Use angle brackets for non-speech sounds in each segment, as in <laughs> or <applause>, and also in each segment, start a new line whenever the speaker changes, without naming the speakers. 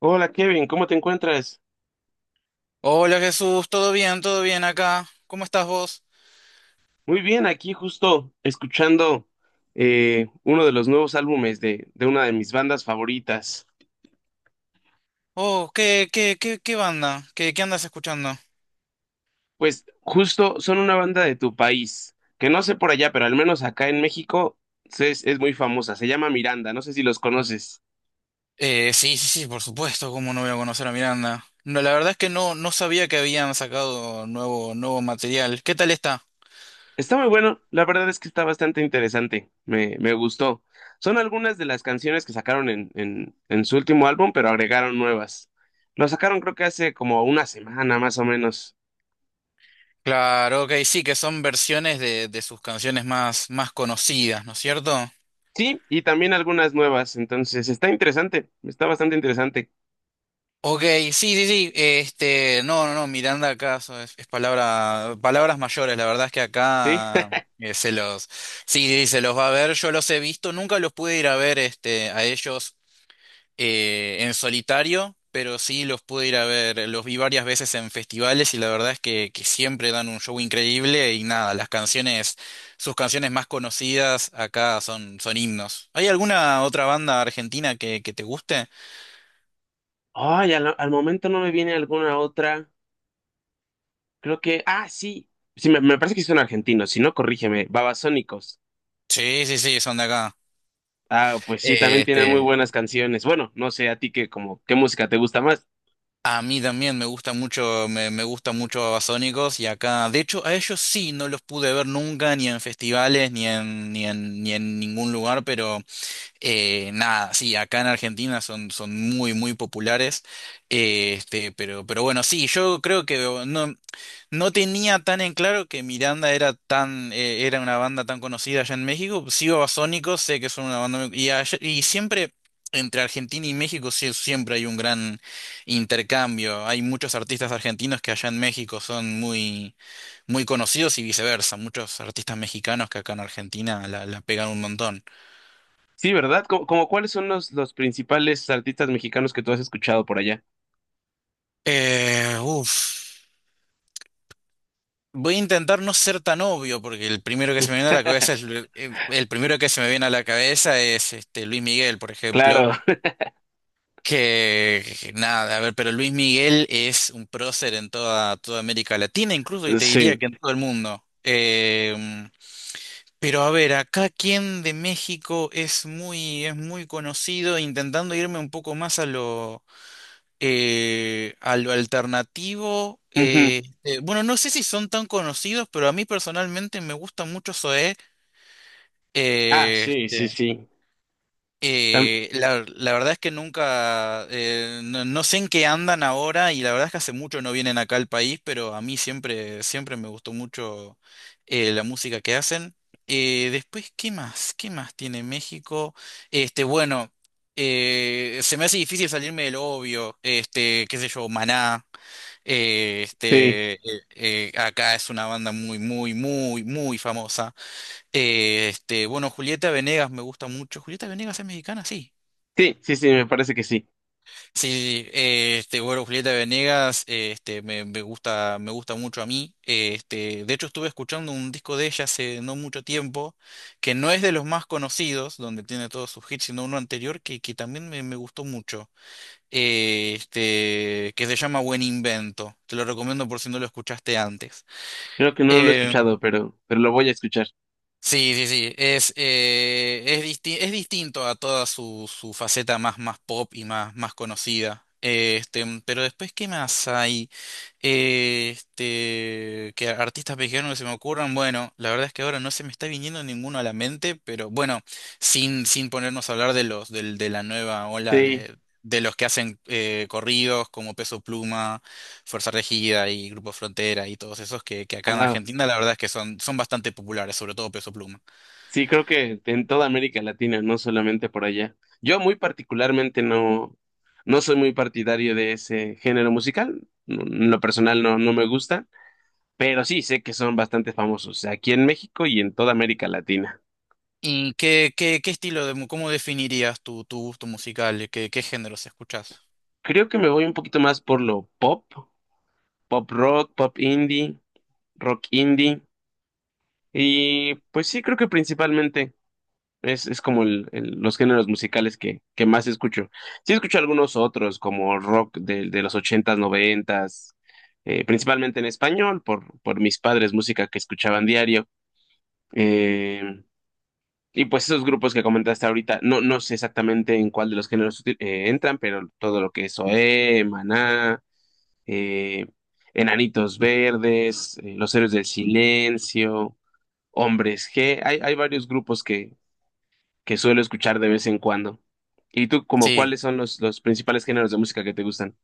Hola Kevin, ¿cómo te encuentras?
Hola Jesús, ¿todo bien? ¿Todo bien acá? ¿Cómo estás vos?
Muy bien, aquí justo escuchando uno de los nuevos álbumes de una de mis bandas favoritas.
Oh, ¿qué banda? ¿Qué, qué andas escuchando?
Pues justo son una banda de tu país, que no sé por allá, pero al menos acá en México es muy famosa, se llama Miranda, no sé si los conoces.
Sí, por supuesto, ¿cómo no voy a conocer a Miranda? No, la verdad es que no sabía que habían sacado nuevo material. ¿Qué tal está?
Está muy bueno, la verdad es que está bastante interesante, me gustó. Son algunas de las canciones que sacaron en su último álbum, pero agregaron nuevas. Lo sacaron creo que hace como una semana más o menos.
Claro, ok, sí, que son versiones de sus canciones más conocidas, ¿no es cierto?
Sí, y también algunas nuevas. Entonces, está interesante, está bastante interesante.
Ok, sí, sí, sí. No, Miranda acá es palabras mayores. La verdad es que
Sí.
acá,
<laughs>
se los, sí, sí, sí, se los va a ver. Yo los he visto, nunca los pude ir a ver, este, a ellos en solitario, pero sí los pude ir a ver. Los vi varias veces en festivales y la verdad es que siempre dan un show increíble y nada, las canciones, sus canciones más conocidas acá son himnos. ¿Hay alguna otra banda argentina que te guste?
Ay, al momento no me viene alguna otra. Creo que. Ah, sí. Sí, me parece que son argentinos. Si no, corrígeme. Babasónicos.
Sí, sí, sí, son de acá.
Ah, pues sí,
Eh,
también tienen muy
este,
buenas canciones. Bueno, no sé, a ti que como, ¿qué música te gusta más?
a mí también me gusta mucho, me gusta mucho Babasónicos y acá, de hecho, a ellos sí no los pude ver nunca, ni en festivales, ni en ningún lugar, pero, nada, sí, acá en Argentina son, son muy, muy populares. Este, pero bueno, sí, yo creo que no, no tenía tan en claro que Miranda era tan, era una banda tan conocida allá en México. Sigo a Sónicos, sé que son una banda muy siempre entre Argentina y México sí, siempre hay un gran intercambio. Hay muchos artistas argentinos que allá en México son muy, muy conocidos y viceversa. Muchos artistas mexicanos que acá en Argentina la pegan un montón.
Sí, ¿verdad? Como cuáles son los principales artistas mexicanos que tú has escuchado por allá?
Uf. Voy a intentar no ser tan obvio, porque el primero que se me viene a la cabeza es el primero que se me viene a la cabeza es este Luis Miguel, por ejemplo,
Claro,
que nada, a ver, pero Luis Miguel es un prócer en toda América Latina, incluso y
<laughs>
te diría
sí.
que en todo el mundo. Pero a ver, acá quien de México es muy conocido, intentando irme un poco más a lo alternativo.
Ujú.
Bueno, no sé si son tan conocidos, pero a mí personalmente me gusta mucho Zoé.
Ah,
eh,
sí, sí,
este,
sí. Tam-
la, la verdad es que nunca, no, no sé en qué andan ahora y la verdad es que hace mucho no vienen acá al país, pero a mí siempre, siempre me gustó mucho la música que hacen. Después, ¿qué más? ¿Qué más tiene México? Bueno, se me hace difícil salirme del obvio, este, qué sé yo, Maná.
sí,
Acá es una banda muy famosa. Bueno, Julieta Venegas me gusta mucho. ¿Julieta Venegas es mexicana? Sí.
sí, sí, sí, me parece que sí.
Sí, sí, sí. Bueno, Julieta Venegas, me gusta mucho a mí. De hecho, estuve escuchando un disco de ella hace no mucho tiempo, que no es de los más conocidos, donde tiene todos sus hits, sino uno anterior que también me gustó mucho. Que se llama Buen Invento. Te lo recomiendo por si no lo escuchaste antes.
Creo que no lo he
Eh,
escuchado, pero lo voy a escuchar.
sí, sí, sí. Es distinto a toda su, su faceta más, más pop y más, más conocida. Pero después, ¿qué más hay? Que artistas mexicanos que se me ocurran. Bueno, la verdad es que ahora no se me está viniendo ninguno a la mente, pero bueno, sin ponernos a hablar de los, del de la nueva ola
Sí,
de los que hacen corridos como Peso Pluma. Fuerza Regida y Grupo Frontera y todos esos que acá en
ah,
Argentina la verdad es que son, son bastante populares, sobre todo Peso Pluma.
sí, creo que en toda América Latina, no solamente por allá. Yo muy particularmente no soy muy partidario de ese género musical. En lo personal no me gusta, pero sí sé que son bastante famosos aquí en México y en toda América Latina.
¿Y qué estilo de, cómo definirías tu, tu gusto musical? ¿Qué géneros escuchas?
Creo que me voy un poquito más por lo pop, pop rock, pop indie, rock indie. Y pues sí, creo que principalmente. Es como los géneros musicales que más escucho. Sí escucho algunos otros, como rock de los ochentas, noventas, principalmente en español, por mis padres, música que escuchaban diario. Eh, y pues esos grupos que comentaste ahorita, no sé exactamente en cuál de los géneros entran, pero todo lo que es OE, Maná, eh, Enanitos Verdes, Los Héroes del Silencio, Hombres G, hay varios grupos que suelo escuchar de vez en cuando. ¿Y tú, como
Sí.
cuáles son los principales géneros de música que te gustan?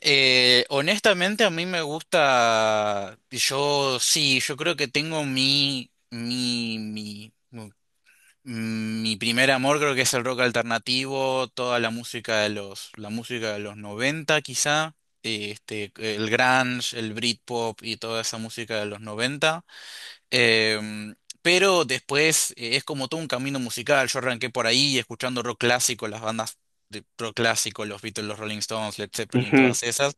Honestamente a mí me gusta, yo sí, yo creo que tengo mi primer amor creo que es el rock alternativo, toda la música de los, la música de los 90 quizá, el grunge, el Britpop y toda esa música de los noventa. Em, pero después, es como todo un camino musical. Yo arranqué por ahí escuchando rock clásico, las bandas de rock clásico, los Beatles, los Rolling Stones, Led Zeppelin,
Ujú,
todas esas.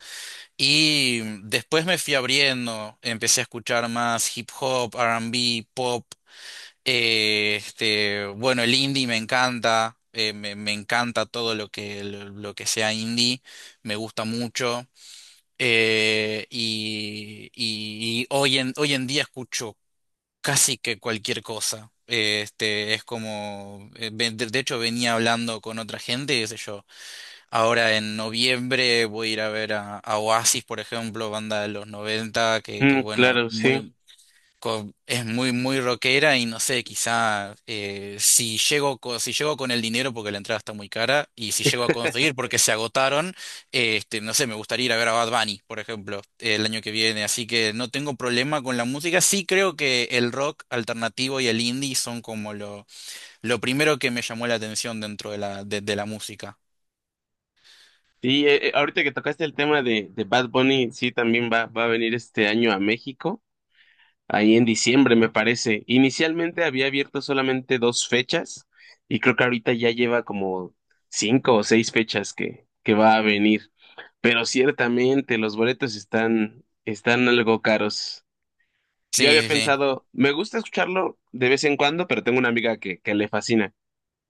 Y después me fui abriendo, empecé a escuchar más hip hop, R&B, pop. Bueno, el indie me encanta, me encanta todo lo que sea indie, me gusta mucho. Y, y hoy hoy en día escucho casi que cualquier cosa. Es como, de hecho venía hablando con otra gente, qué sé yo. Ahora en noviembre voy a ir a ver a Oasis, por ejemplo, banda de los 90 que
mm,
bueno,
claro, sí.
es muy, muy rockera y no sé, quizá, si llego, si llego con el dinero porque la entrada está muy cara y si llego a conseguir porque se agotaron, no sé, me gustaría ir a ver a Bad Bunny, por ejemplo, el año que viene. Así que no tengo problema con la música. Sí creo que el rock alternativo y el indie son como lo primero que me llamó la atención dentro de la música.
Y ahorita que tocaste el tema de Bad Bunny, sí, también va a venir este año a México, ahí en diciembre, me parece. Inicialmente había abierto solamente dos fechas y creo que ahorita ya lleva como cinco o seis fechas que va a venir. Pero ciertamente los boletos están algo caros. Yo
Sí,
había
sí, sí.
pensado, me gusta escucharlo de vez en cuando, pero tengo una amiga que le fascina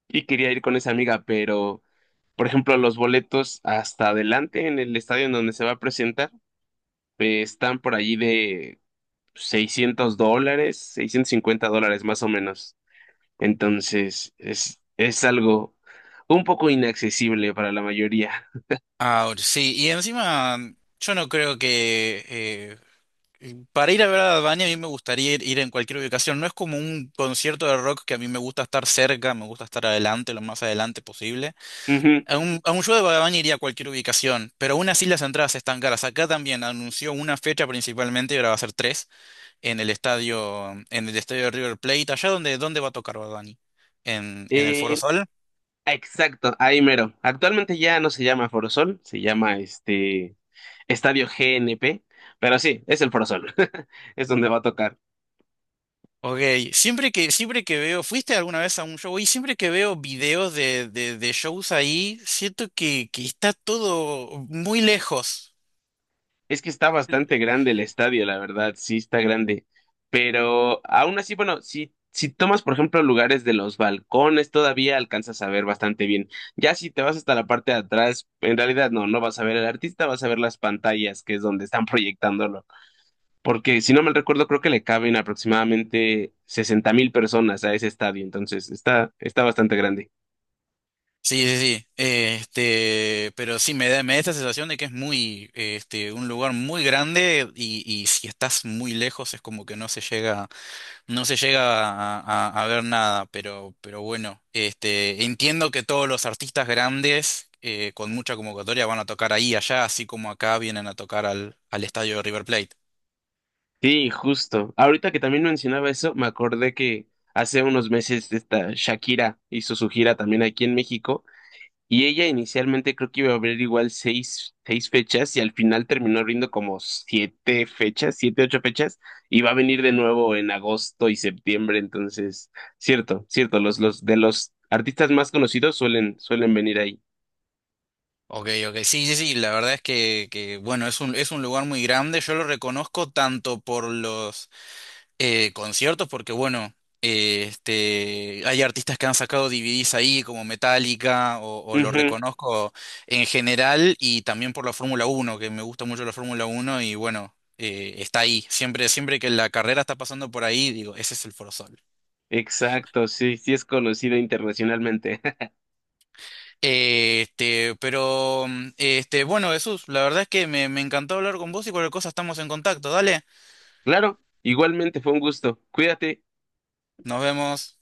y quería ir con esa amiga, pero, por ejemplo, los boletos hasta adelante en el estadio en donde se va a presentar están por allí de $600, $650 más o menos. Entonces, es algo un poco inaccesible para la mayoría.
Ahora, sí, y encima yo no creo que para ir a ver a Bad Bunny, a mí me gustaría ir, ir en cualquier ubicación. No es como un concierto de rock que a mí me gusta estar cerca, me gusta estar adelante, lo más adelante posible.
<laughs> Ujú.
A un show de Bad Bunny iría a cualquier ubicación, pero aún así las entradas están caras. Acá también anunció una fecha principalmente, y ahora va a ser tres, en el estadio de River Plate. ¿Allá donde dónde dónde va a tocar Bad Bunny? ¿En el Foro
Eh,
Sol?
exacto, ahí mero. Actualmente ya no se llama Forosol, se llama Estadio GNP, pero sí, es el Forosol, <laughs> es donde va a tocar.
Ok, siempre que veo, ¿fuiste alguna vez a un show? Y siempre que veo videos de shows ahí, siento que está todo muy lejos.
Es que está bastante grande el estadio, la verdad, sí está grande, pero aún así, bueno, si tomas, por ejemplo, lugares de los balcones, todavía alcanzas a ver bastante bien. Ya si te vas hasta la parte de atrás, en realidad no vas a ver al artista, vas a ver las pantallas, que es donde están <laughs> proyectándolo, porque si no mal recuerdo, creo que le caben aproximadamente 60,000 personas a ese estadio, entonces está bastante grande.
Sí, sí, sí. Pero sí, me da esta sensación de que es muy, un lugar muy grande y si estás muy lejos es como que no se llega. No se llega a ver nada, pero bueno, este, entiendo que todos los artistas grandes, con mucha convocatoria van a tocar ahí y allá, así como acá vienen a tocar al, al estadio de River Plate.
Sí, justo. Ahorita que también mencionaba eso, me acordé que hace unos meses esta Shakira hizo su gira también aquí en México y ella inicialmente creo que iba a abrir igual seis fechas y al final terminó abriendo como siete fechas, siete, ocho fechas y va a venir de nuevo en agosto y septiembre. Entonces, cierto, cierto, los de los artistas más conocidos suelen venir ahí.
Ok, ok, sí, sí, sí, la verdad es que bueno, es un lugar muy grande, yo lo reconozco tanto por los conciertos porque, bueno, hay artistas que han sacado DVDs ahí, como Metallica, o lo
Ujú,
reconozco en general, y también por la Fórmula 1 que me gusta mucho la Fórmula 1 y bueno, está ahí. Siempre, siempre que la carrera está pasando por ahí, digo, ese es el Forosol.
exacto, sí, sí es conocido internacionalmente. <laughs>
Bueno, Jesús, la verdad es que me encantó hablar con vos y cualquier cosa estamos en contacto. Dale,
Claro, igualmente fue un gusto. Cuídate.
nos vemos.